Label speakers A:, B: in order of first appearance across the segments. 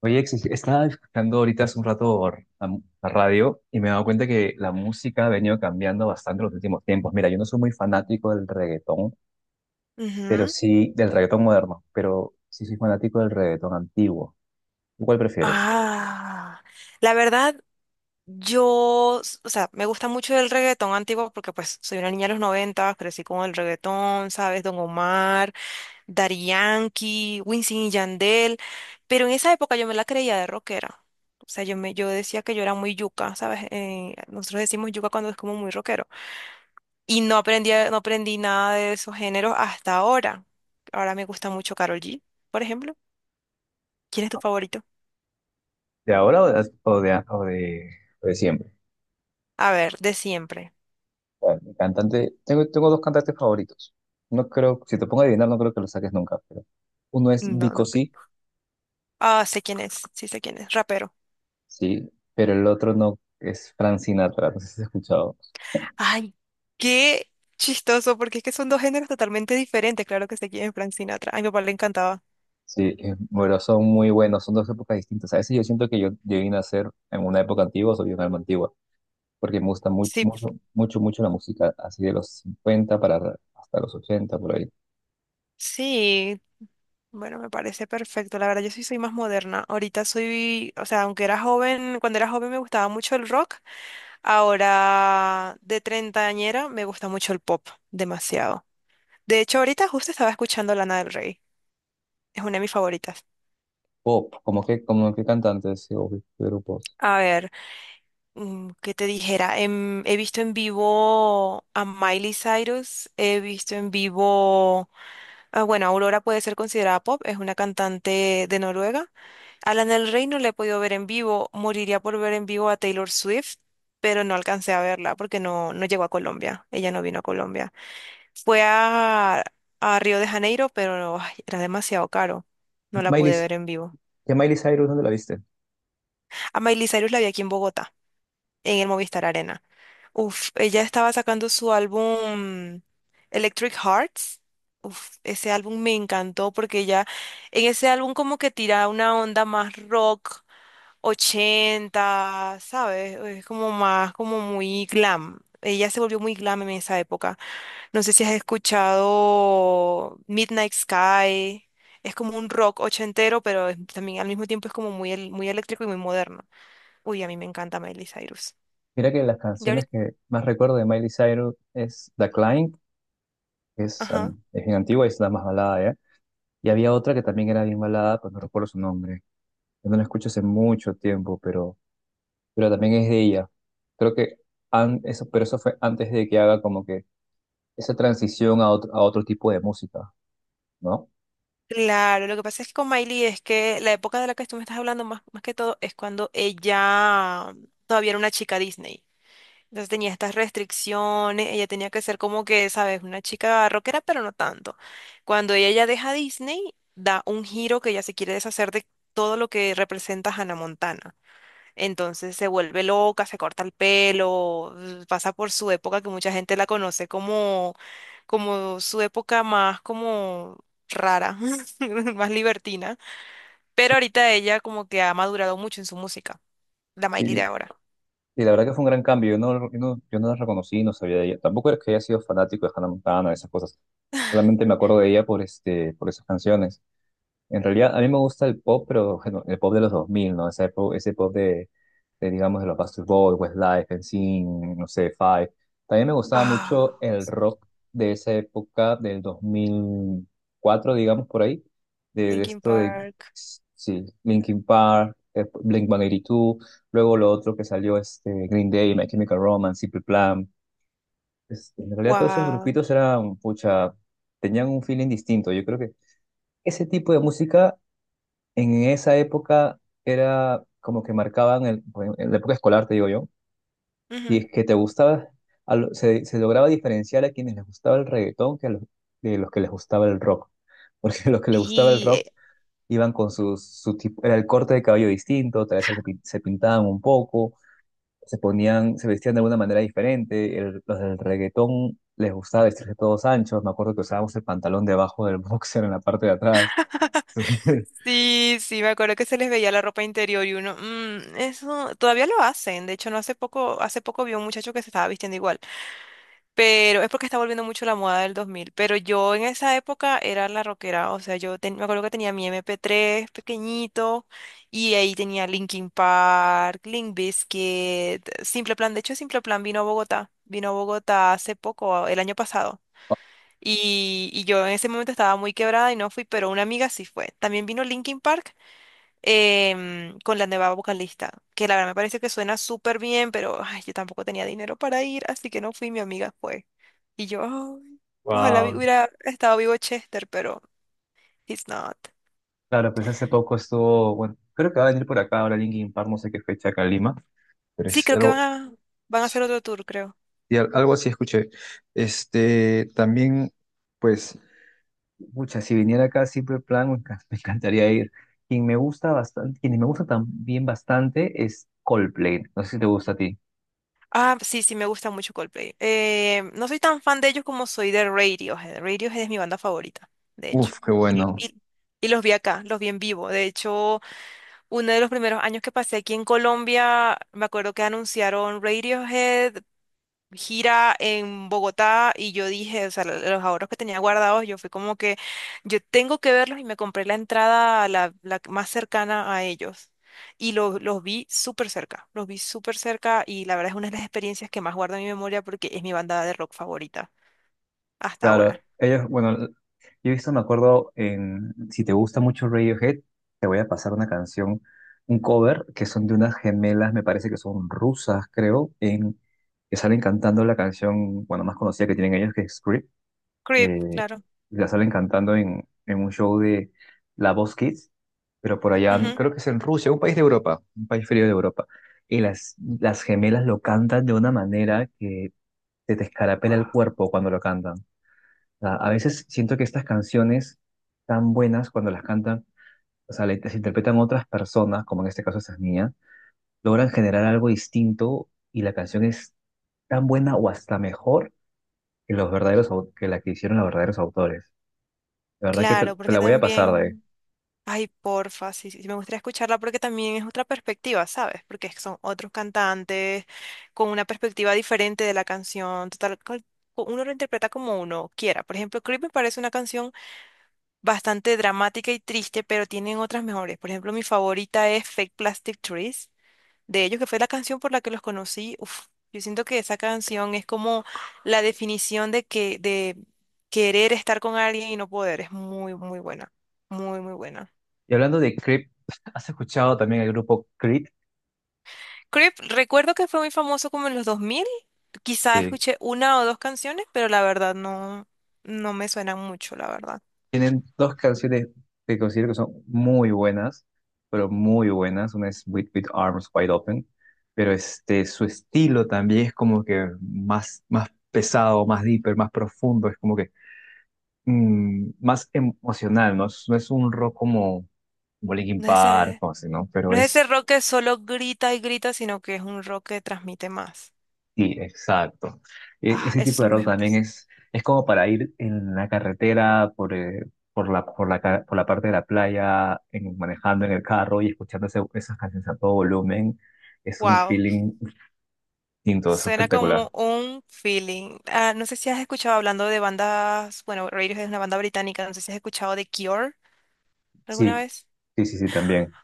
A: Oye, estaba escuchando ahorita hace un rato la radio y me he dado cuenta que la música ha venido cambiando bastante en los últimos tiempos. Mira, yo no soy muy fanático del reggaetón, pero
B: Ujú.
A: sí del reggaetón moderno, pero sí soy fanático del reggaetón antiguo. ¿Tú cuál prefieres?
B: Ah, la verdad, o sea, me gusta mucho el reggaetón antiguo porque pues soy una niña de los 90 crecí con el reggaetón, ¿sabes? Don Omar, Daddy Yankee, Wisin y Yandel, pero en esa época yo me la creía de rockera. O sea, yo decía que yo era muy yuca, ¿sabes? Nosotros decimos yuca cuando es como muy rockero. Y no aprendí nada de esos géneros hasta ahora. Ahora me gusta mucho Karol G, por ejemplo. ¿Quién es tu favorito?
A: ¿De ahora o de, o de- o de siempre?
B: A ver, de siempre.
A: Bueno, mi cantante, tengo dos cantantes favoritos. No creo, si te pongo a adivinar, no creo que lo saques nunca, pero uno es
B: No,
A: Vico
B: no.
A: sí,
B: Ah, sé quién es, sí sé quién es, rapero.
A: sí, pero el otro no es Frank Sinatra, no sé si has escuchado.
B: Ay, qué chistoso, porque es que son dos géneros totalmente diferentes. Claro que sé quién es Frank Sinatra. A mi papá le encantaba.
A: Sí, bueno, son muy buenos, son dos épocas distintas. A veces yo siento que yo vine a ser en una época antigua, soy un alma antigua, porque me gusta mucho,
B: Sí,
A: mucho, mucho, mucho la música, así de los 50 hasta los 80, por ahí.
B: sí. Bueno, me parece perfecto. La verdad, yo sí soy más moderna. Ahorita soy, o sea, aunque era joven, cuando era joven me gustaba mucho el rock. Ahora, de treintañera, me gusta mucho el pop, demasiado. De hecho, ahorita justo estaba escuchando Lana del Rey. Es una de mis favoritas.
A: Pop, como que cantantes o qué grupos.
B: A ver. ¿Qué te dijera? He visto en vivo a Miley Cyrus, he visto en vivo, ah, bueno, Aurora puede ser considerada pop, es una cantante de Noruega. Alan del Rey no la he podido ver en vivo, moriría por ver en vivo a Taylor Swift, pero no alcancé a verla porque no llegó a Colombia, ella no vino a Colombia. Fue a Río de Janeiro, pero ay, era demasiado caro, no la
A: Miley,
B: pude ver en vivo.
A: ¿qué Miley Cyrus dónde la viste?
B: A Miley Cyrus la vi aquí en Bogotá, en el Movistar Arena. Uf, ella estaba sacando su álbum Electric Hearts. Uf, ese álbum me encantó porque ella en ese álbum como que tira una onda más rock 80, ¿sabes? Es como más, como muy glam. Ella se volvió muy glam en esa época. No sé si has escuchado Midnight Sky. Es como un rock ochentero, pero también al mismo tiempo es como muy, muy eléctrico y muy moderno. Uy, a mí me encanta Miley Cyrus.
A: Mira que las
B: Ya.
A: canciones que más recuerdo de Miley Cyrus es The Climb, que es,
B: Ajá.
A: es bien antigua y es la más balada, ¿ya? Y había otra que también era bien balada, pues no recuerdo su nombre. Yo no la escucho hace mucho tiempo, pero también es de ella. Creo que pero eso fue antes de que haga como que esa transición a otro tipo de música, ¿no?
B: Claro, lo que pasa es que con Miley es que la época de la que tú me estás hablando más, más que todo es cuando ella todavía era una chica Disney. Entonces tenía estas restricciones, ella tenía que ser como que, sabes, una chica rockera, pero no tanto. Cuando ella ya deja Disney, da un giro que ella se quiere deshacer de todo lo que representa Hannah Montana. Entonces se vuelve loca, se corta el pelo, pasa por su época que mucha gente la conoce como su época más como rara, más libertina. Pero ahorita ella como que ha madurado mucho en su música, la
A: Sí,
B: Miley de ahora.
A: y la verdad que fue un gran cambio. Yo no la reconocí, no sabía de ella. Tampoco es que haya sido fanático de Hannah Montana, esas cosas. Solamente me acuerdo de ella por, este, por esas canciones. En realidad, a mí me gusta el pop, pero bueno, el pop de los dos mil, ¿no? Ese pop de, digamos, de los Backstreet Boys, Westlife, NSYNC, no sé, Five. También me gustaba mucho
B: Ah,
A: el
B: sí.
A: rock de esa época, del dos mil cuatro digamos, por ahí, de,
B: Linkin
A: esto de,
B: Park.
A: sí, Linkin Park, Blink-182, luego lo otro que salió, este, Green Day, My Chemical Romance, Simple Plan. En realidad, todos esos
B: Wow.
A: grupitos eran, pucha, tenían un feeling distinto. Yo creo que ese tipo de música en esa época era como que marcaban, el, bueno, en la época escolar, te digo yo, y
B: Ujú.
A: es que te gustaba, se lograba diferenciar a quienes les gustaba el reggaetón que a los, de los que les gustaba el rock, porque los que les gustaba el
B: Sí,
A: rock iban con sus, su tipo, era el corte de cabello distinto, tal vez se pintaban un poco, se vestían de alguna manera diferente, los del reggaetón les gustaba vestirse todos anchos, me acuerdo que usábamos el pantalón debajo del boxer en la parte de atrás.
B: sí, sí, me acuerdo que se les veía la ropa interior y uno, "Mm, eso todavía lo hacen. De hecho, no hace poco, hace poco vi un muchacho que se estaba vistiendo igual. Pero es porque está volviendo mucho la moda del 2000. Pero yo en esa época era la rockera. O sea, me acuerdo que tenía mi MP3 pequeñito. Y ahí tenía Linkin Park, Limp Bizkit, Simple Plan. De hecho, Simple Plan vino a Bogotá. Vino a Bogotá hace poco, el año pasado. Y yo en ese momento estaba muy quebrada y no fui, pero una amiga sí fue. También vino Linkin Park con la nueva vocalista, que la verdad me parece que suena súper bien, pero ay, yo tampoco tenía dinero para ir, así que no fui, mi amiga fue. Y yo, "Ay, ojalá hubiera estado vivo Chester, pero he's not."
A: Claro, pues hace poco estuvo, bueno, creo que va a venir por acá ahora Linkin Park, no sé qué fecha acá en Lima.
B: Sí, creo que van a hacer otro tour, creo.
A: Y algo así escuché. Este, también, pues, mucha, si viniera acá siempre plan, me encantaría ir. Quien me gusta bastante, quien me gusta también bastante es Coldplay. No sé si te gusta a ti.
B: Ah, sí, sí, me gusta mucho Coldplay. No soy tan fan de ellos como soy de Radiohead. Radiohead es mi banda favorita, de hecho.
A: Uf, qué
B: Y, lo-
A: bueno.
B: y- y los vi acá, los vi en vivo. De hecho, uno de los primeros años que pasé aquí en Colombia, me acuerdo que anunciaron Radiohead, gira en Bogotá, y yo dije, o sea, los ahorros que tenía guardados, yo fui como que, yo tengo que verlos y me compré la entrada, la más cercana a ellos. Y los vi súper cerca, los vi súper cerca y la verdad es una de las experiencias que más guardo en mi memoria porque es mi banda de rock favorita hasta
A: Claro,
B: ahora.
A: ellos, bueno, yo he visto, me acuerdo, en, si te gusta mucho Radiohead, te voy a pasar una canción, un cover, que son de unas gemelas, me parece que son rusas, creo, en, que salen cantando la canción, bueno, más conocida que tienen ellos, que es Script,
B: Creep,
A: eh,
B: claro.
A: y la salen cantando en un show de La Voz Kids, pero por allá,
B: Ujú.
A: creo que es en Rusia, un país de Europa, un país frío de Europa, y las gemelas lo cantan de una manera que te escarapela el cuerpo cuando lo cantan sea, a veces siento que estas canciones tan buenas cuando las cantan, o sea, las interpretan otras personas, como en este caso estas niñas, logran generar algo distinto y la canción es tan buena o hasta mejor que los verdaderos que la que hicieron los verdaderos autores. La verdad que
B: Claro,
A: te
B: porque
A: la voy a pasar de ahí.
B: también... Ay, porfa, sí, sí, sí, me gustaría escucharla porque también es otra perspectiva, ¿sabes? Porque es que son otros cantantes con una perspectiva diferente de la canción, total, uno lo interpreta como uno quiera. Por ejemplo, Creep me parece una canción bastante dramática y triste, pero tienen otras mejores. Por ejemplo, mi favorita es Fake Plastic Trees, de ellos, que fue la canción por la que los conocí. Uf, yo siento que esa canción es como la definición de que, de querer estar con alguien y no poder. Es muy, muy buena, muy, muy buena.
A: Y hablando de Creep, ¿has escuchado también el grupo Creed?
B: Creep, recuerdo que fue muy famoso como en los 2000. Quizá
A: Sí.
B: escuché una o dos canciones, pero la verdad no, no me suenan mucho, la verdad.
A: Tienen dos canciones que considero que son muy buenas, pero muy buenas. Una es With Arms Wide Open, pero este, su estilo también es como que más, más pesado, más deeper, más profundo, es como que más emocional, ¿no? No es un rock como, como Linkin
B: No es
A: Park
B: ese,
A: o así, ¿no? Pero
B: no es ese
A: es
B: rock que solo grita y grita, sino que es un rock que transmite más.
A: sí, exacto.
B: Ah,
A: Ese
B: esos
A: tipo
B: son
A: de
B: los
A: rock también
B: mejores.
A: es como para ir en la carretera por la, por la parte de la playa, manejando en el carro y escuchando esas canciones a todo volumen. Es un
B: Wow,
A: feeling distinto, es
B: suena
A: espectacular.
B: como un feeling. Ah, no sé si has escuchado hablando de bandas, bueno, Radiohead es una banda británica, no sé si has escuchado de Cure alguna
A: Sí,
B: vez.
A: sí, sí, sí, también.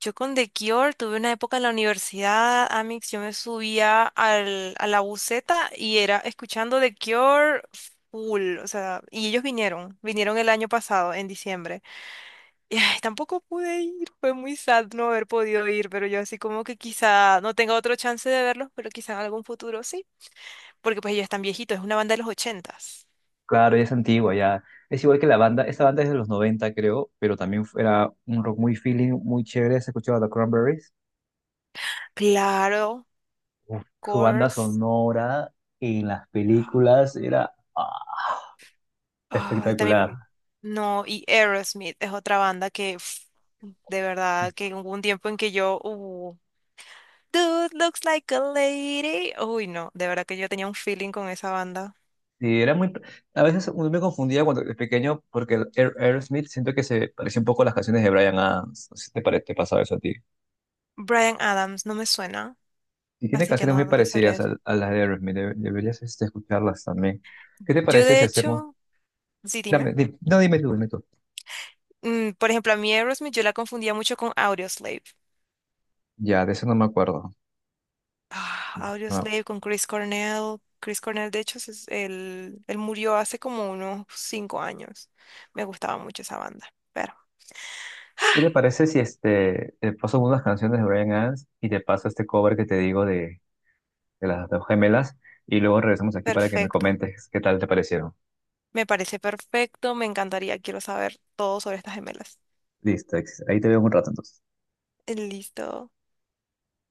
B: Yo con The Cure tuve una época en la universidad, Amix, yo me subía a la buseta y era escuchando The Cure full, o sea, y ellos vinieron el año pasado, en diciembre. Y ay, tampoco pude ir, fue muy sad no haber podido ir, pero yo así como que quizá no tenga otro chance de verlos, pero quizá en algún futuro sí, porque pues ellos están viejitos, es una banda de los 80s.
A: Claro, ya es antigua, ya. Es igual que la banda, esta banda es de los 90, creo, pero también era un rock muy feeling, muy chévere. Se escuchaba The Cranberries.
B: Claro,
A: Uf, su banda
B: course.
A: sonora en las películas era
B: Ay,
A: espectacular.
B: también, no, y Aerosmith es otra banda que, uf, de verdad, que hubo un tiempo en que yo, Dude looks like a lady. Uy, no, de verdad que yo tenía un feeling con esa banda.
A: Sí, era muy... A veces uno me confundía cuando era pequeño porque el Aerosmith siento que se parecía un poco a las canciones de Bryan Adams. No sé si te pasaba eso a ti.
B: Bryan Adams no me suena,
A: Y tiene
B: así que
A: canciones
B: no,
A: muy
B: no te sabría
A: parecidas
B: decir.
A: a las de Aerosmith. Deberías este, escucharlas también. ¿Qué te
B: Yo,
A: parece
B: de
A: si hacemos...
B: hecho, sí, dime.
A: Dame, di- no, dime tú, dime tú.
B: Por ejemplo, a mí Aerosmith yo la confundía mucho con Audioslave.
A: Ya, de eso no me acuerdo.
B: Ah,
A: No.
B: Audioslave con Chris Cornell. Chris Cornell, de hecho, él murió hace como unos 5 años. Me gustaba mucho esa banda.
A: ¿Qué te parece si este, te paso unas canciones de Bryan Adams y te paso este cover que te digo de las dos gemelas y luego regresamos aquí para que me
B: Perfecto.
A: comentes qué tal te parecieron?
B: Me parece perfecto. Me encantaría. Quiero saber todo sobre estas gemelas.
A: Listo, ahí te veo en un rato entonces.
B: Listo.